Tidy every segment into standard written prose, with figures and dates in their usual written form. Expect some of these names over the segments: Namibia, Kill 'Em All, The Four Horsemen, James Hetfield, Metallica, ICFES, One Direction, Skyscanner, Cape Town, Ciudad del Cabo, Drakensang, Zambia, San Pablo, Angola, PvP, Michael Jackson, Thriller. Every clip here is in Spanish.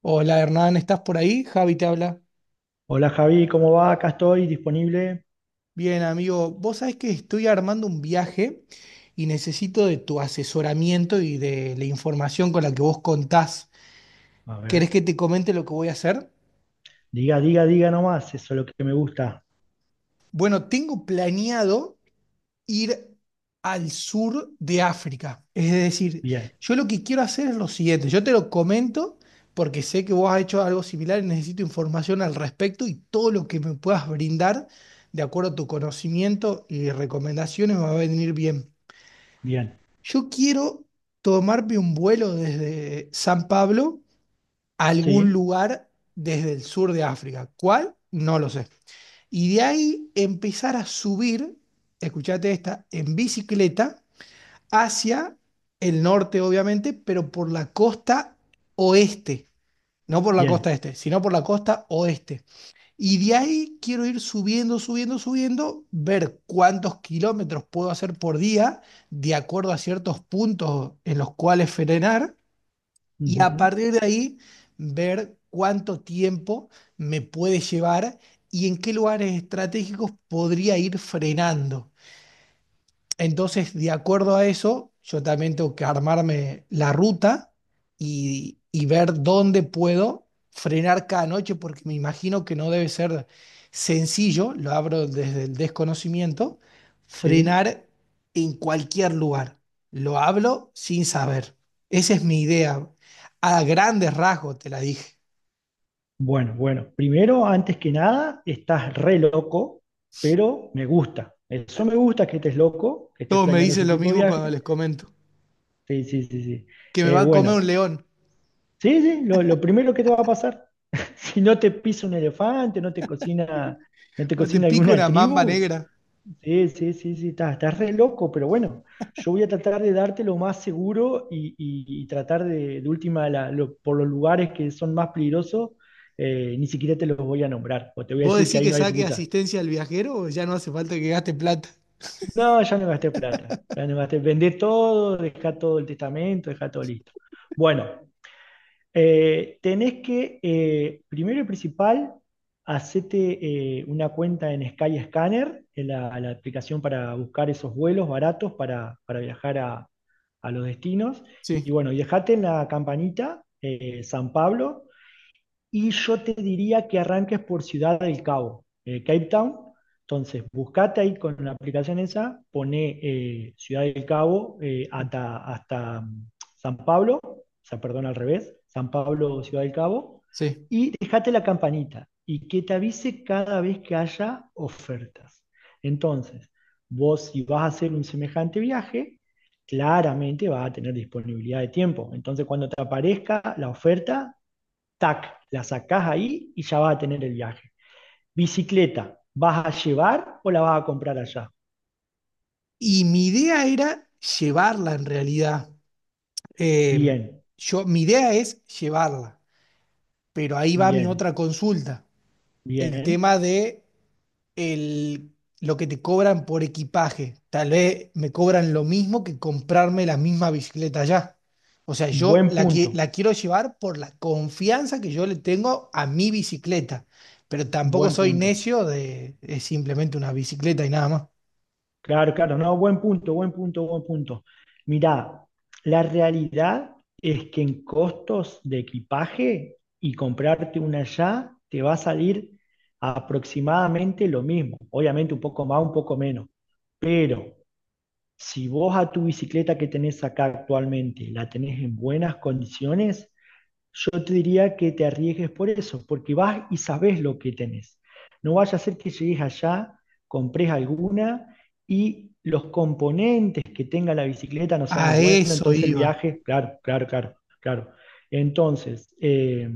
Hola Hernán, ¿estás por ahí? Javi te habla. Hola Javi, ¿cómo va? Acá estoy disponible. Bien, amigo, vos sabés que estoy armando un viaje y necesito de tu asesoramiento y de la información con la que vos contás. A ver, ¿Querés que te comente lo que voy a hacer? diga, diga, diga nomás, eso es lo que me gusta. Bueno, tengo planeado ir al sur de África. Es decir, Bien, yo lo que quiero hacer es lo siguiente, yo te lo comento porque sé que vos has hecho algo similar y necesito información al respecto y todo lo que me puedas brindar, de acuerdo a tu conocimiento y recomendaciones, me va a venir bien. bien, Yo quiero tomarme un vuelo desde San Pablo a algún sí, lugar desde el sur de África. ¿Cuál? No lo sé. Y de ahí empezar a subir, escuchate esta, en bicicleta hacia el norte, obviamente, pero por la costa oeste. No por la costa bien, este, sino por la costa oeste. Y de ahí quiero ir subiendo, subiendo, subiendo, ver cuántos kilómetros puedo hacer por día de acuerdo a ciertos puntos en los cuales frenar y a ujú, partir de ahí ver cuánto tiempo me puede llevar y en qué lugares estratégicos podría ir frenando. Entonces, de acuerdo a eso, yo también tengo que armarme la ruta y ver dónde puedo frenar cada noche, porque me imagino que no debe ser sencillo, lo abro desde el desconocimiento, sí. frenar en cualquier lugar. Lo hablo sin saber. Esa es mi idea. A grandes rasgos te la dije. Bueno, bueno, primero, antes que nada, estás re loco, pero me gusta. Eso me gusta que estés loco, que estés Todos me planeando ese dicen lo tipo de mismo cuando viaje. les comento, Sí, sí, sí, sí. que me va a comer Bueno, un león sí, sí, lo primero que te va a pasar, si no te pisa un elefante, no te o te cocina pica alguna una mamba tribu. negra. Sí, sí, sí, sí, estás re loco, pero bueno, yo voy a tratar de darte lo más seguro y, tratar de última, por los lugares que son más peligrosos, ni siquiera te los voy a nombrar, o te voy a ¿Vos decir que decís ahí que no hay saque ruta. asistencia al viajero o ya no hace falta que gaste plata? No, ya no gasté plata, ya no gasté, vendé todo, dejá todo el testamento, dejá todo listo. Bueno, tenés que, primero y principal, hacete una cuenta en Skyscanner, en la aplicación para buscar esos vuelos baratos para viajar a los destinos. Y, Sí, bueno, y dejate en la campanita San Pablo, y yo te diría que arranques por Ciudad del Cabo, Cape Town. Entonces, buscate ahí con la aplicación esa, pone Ciudad del Cabo hasta San Pablo, o sea, perdón, al revés, San Pablo, Ciudad del Cabo, sí. y dejate la campanita y que te avise cada vez que haya ofertas. Entonces, vos si vas a hacer un semejante viaje, claramente vas a tener disponibilidad de tiempo. Entonces, cuando te aparezca la oferta, tac, la sacás ahí y ya vas a tener el viaje. Bicicleta, ¿vas a llevar o la vas a comprar allá? Y mi idea era llevarla en realidad. Eh, Bien, yo, mi idea es llevarla, pero ahí va mi bien, otra consulta. El bien. tema de el, lo que te cobran por equipaje. Tal vez me cobran lo mismo que comprarme la misma bicicleta allá. O sea, yo Buen la, punto, la quiero llevar por la confianza que yo le tengo a mi bicicleta, pero tampoco buen soy punto. necio de es simplemente una bicicleta y nada más. Claro, claro, no, buen punto, buen punto, buen punto. Mirá, la realidad es que en costos de equipaje y comprarte una allá te va a salir aproximadamente lo mismo. Obviamente un poco más, un poco menos. Pero si vos a tu bicicleta que tenés acá actualmente la tenés en buenas condiciones, yo te diría que te arriesgues por eso, porque vas y sabes lo que tenés. No vaya a ser que llegues allá, compres alguna y los componentes que tenga la bicicleta no sean los A buenos, eso entonces el iba. viaje, claro, claro, claro, claro. Entonces,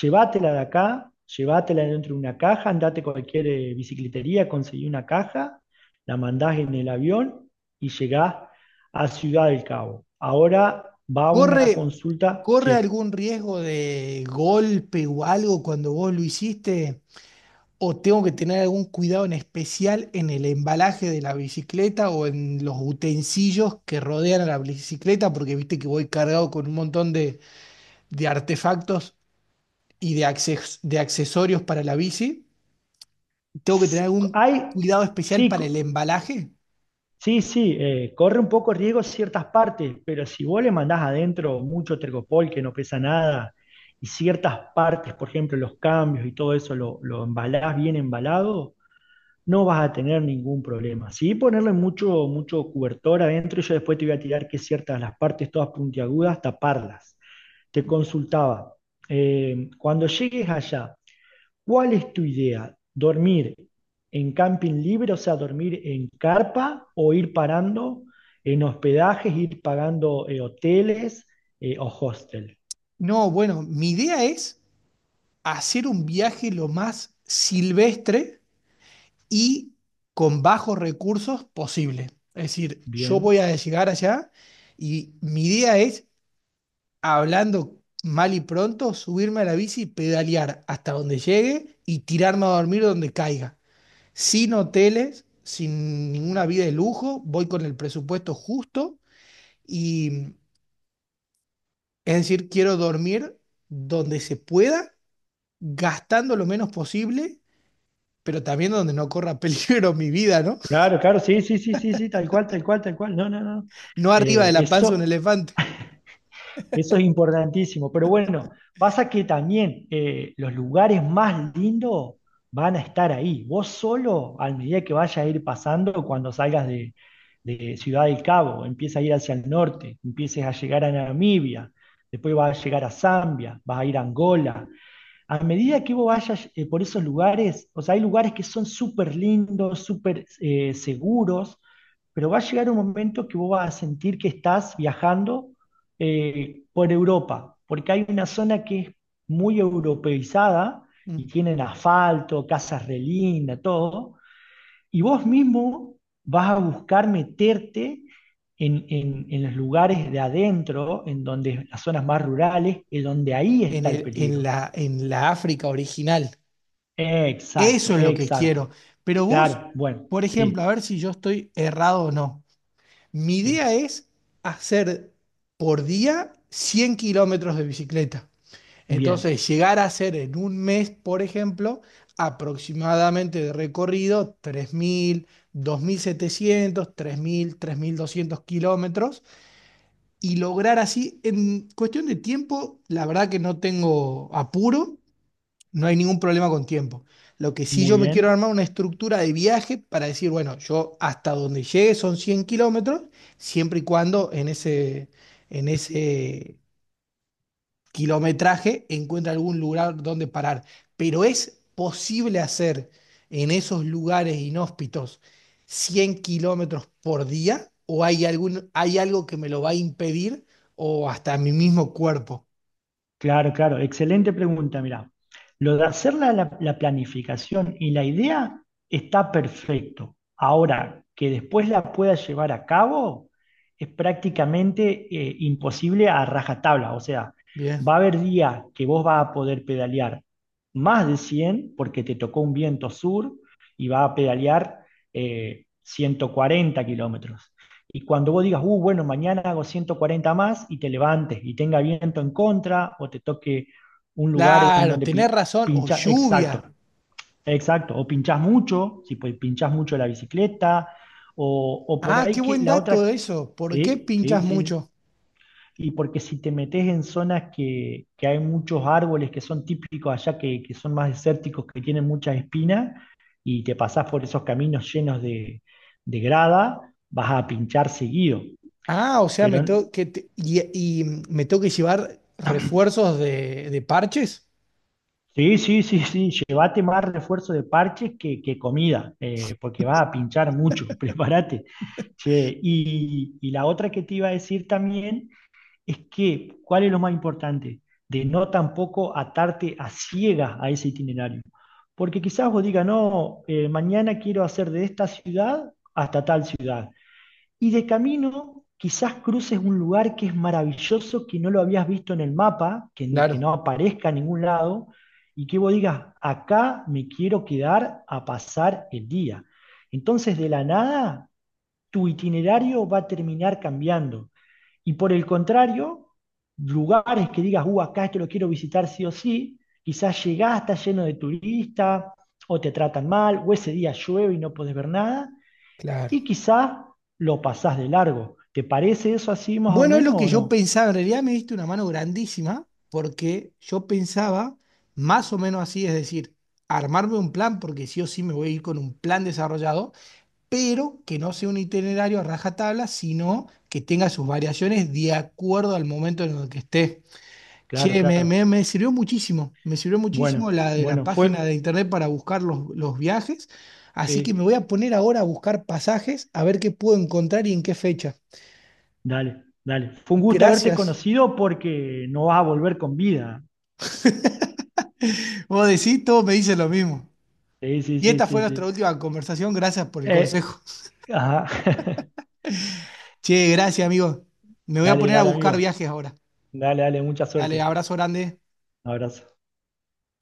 llévatela de acá, llévatela dentro de una caja, andate a cualquier bicicletería, conseguí una caja, la mandás en el avión y llegás a Ciudad del Cabo. Ahora va una ¿Corre, consulta, corre sí. algún riesgo de golpe o algo cuando vos lo hiciste? ¿O tengo que tener algún cuidado en especial en el embalaje de la bicicleta o en los utensilios que rodean a la bicicleta? Porque viste que voy cargado con un montón de artefactos y de, de accesorios para la bici. ¿Tengo que tener algún Hay, cuidado especial sí, para el embalaje? sí, sí, corre un poco riesgo ciertas partes, pero si vos le mandás adentro mucho tercopol que no pesa nada y ciertas partes, por ejemplo, los cambios y todo eso, lo embalás bien embalado, no vas a tener ningún problema. Sí, ponerle mucho, mucho cobertor adentro y yo después te voy a tirar que ciertas las partes todas puntiagudas, taparlas. Te consultaba, cuando llegues allá, ¿cuál es tu idea? ¿Dormir en camping libre, o sea, dormir en carpa o ir parando en hospedajes, ir pagando hoteles o hostel? No, bueno, mi idea es hacer un viaje lo más silvestre y con bajos recursos posible. Es decir, yo Bien. voy a llegar allá y mi idea es hablando mal y pronto, subirme a la bici, pedalear hasta donde llegue y tirarme a dormir donde caiga. Sin hoteles, sin ninguna vida de lujo, voy con el presupuesto justo y es decir, quiero dormir donde se pueda, gastando lo menos posible, pero también donde no corra peligro mi vida, ¿no? Claro, claro, sí, sí, sí, sí, sí, tal cual, tal cual, tal cual. No, no, no. No arriba de Eh, la panza de un eso elefante. Eso es importantísimo. Pero bueno, pasa que también los lugares más lindos van a estar ahí. Vos solo, a medida que vaya a ir pasando, cuando salgas de Ciudad del Cabo, empiezas a ir hacia el norte, empieces a llegar a Namibia, después vas a llegar a Zambia, vas a ir a Angola, a medida que vos vayas por esos lugares, o sea, hay lugares que son súper lindos, súper seguros, pero va a llegar un momento que vos vas a sentir que estás viajando por Europa, porque hay una zona que es muy europeizada Mm. y tienen asfalto, casas re lindas, todo, y vos mismo vas a buscar meterte en, en los lugares de adentro, en donde las zonas más rurales, es donde ahí En está el peligro. En la África original. Eso Exacto, es lo que exacto. quiero. Pero vos, Claro, bueno, por ejemplo, a sí, ver si yo estoy errado o no. Mi sí. idea es hacer por día 100 kilómetros de bicicleta. Bien, Entonces, llegar a hacer en un mes, por ejemplo, aproximadamente de recorrido 3.000, 2.700, 3.000 3.200 kilómetros y lograr así, en cuestión de tiempo, la verdad que no tengo apuro. No hay ningún problema con tiempo. Lo que sí muy yo me quiero bien. armar una estructura de viaje para decir, bueno, yo hasta donde llegue son 100 kilómetros, siempre y cuando en ese kilometraje encuentre algún lugar donde parar. Pero es posible hacer en esos lugares inhóspitos 100 kilómetros por día o hay algún, hay algo que me lo va a impedir o hasta mi mismo cuerpo. Claro, claro, excelente pregunta, mirá. Lo de hacer la planificación y la idea está perfecto. Ahora, que después la pueda llevar a cabo es prácticamente imposible a rajatabla. O sea, va a Bien. haber días que vos vas a poder pedalear más de 100 porque te tocó un viento sur y vas a pedalear 140 kilómetros. Y cuando vos digas, bueno, mañana hago 140 más y te levantes y tenga viento en contra o te toque un lugar en Claro, donde tenés razón. O pinchas, exacto, lluvia. exacto, o pinchas mucho, si pues, pinchás mucho la bicicleta, o por Ah, ahí qué que buen la dato otra, eso. ¿Por qué sí, sí, pinchas sí. mucho? Y porque si te metes en zonas que hay muchos árboles que son típicos allá, que son más desérticos, que tienen muchas espinas, y te pasás por esos caminos llenos de grada, vas a pinchar seguido. Ah, o sea, me Pero tengo que me tengo que llevar refuerzos de parches. sí, sí, sí, sí, llévate más refuerzo de parches que comida, porque va a pinchar mucho, prepárate. Che, y la otra que te iba a decir también es que, ¿cuál es lo más importante? De no tampoco atarte a ciegas a ese itinerario. Porque quizás vos digas, no, mañana quiero hacer de esta ciudad hasta tal ciudad. Y de camino, quizás cruces un lugar que es maravilloso, que no lo habías visto en el mapa, que Claro, no aparezca en ningún lado, y que vos digas, acá me quiero quedar a pasar el día. Entonces, de la nada, tu itinerario va a terminar cambiando. Y por el contrario, lugares que digas, acá esto lo quiero visitar sí o sí, quizás llegás, está lleno de turistas, o te tratan mal, o ese día llueve y no podés ver nada, claro. y quizás lo pasás de largo. ¿Te parece eso así más o Bueno, es menos lo que o yo no? pensaba. En realidad me diste una mano grandísima porque yo pensaba más o menos así, es decir, armarme un plan porque sí o sí me voy a ir con un plan desarrollado, pero que no sea un itinerario a rajatabla, sino que tenga sus variaciones de acuerdo al momento en el que esté. Claro, Che, me, claro. Me sirvió muchísimo Bueno, la de la bueno, fue... página de internet para buscar los viajes, así que me Sí, voy a poner ahora a buscar pasajes, a ver qué puedo encontrar y en qué fecha. dale, dale. Fue un gusto haberte Gracias. conocido porque no vas a volver con vida. Vos decís, todos me dicen lo mismo. Sí, sí, Y sí, esta fue sí, nuestra sí. última conversación, gracias por el Eh, consejo. ajá. Che, gracias, amigo. Me voy a Dale, poner a dale, buscar amigo. viajes ahora. Dale, dale, mucha Dale, suerte. abrazo grande. Un abrazo.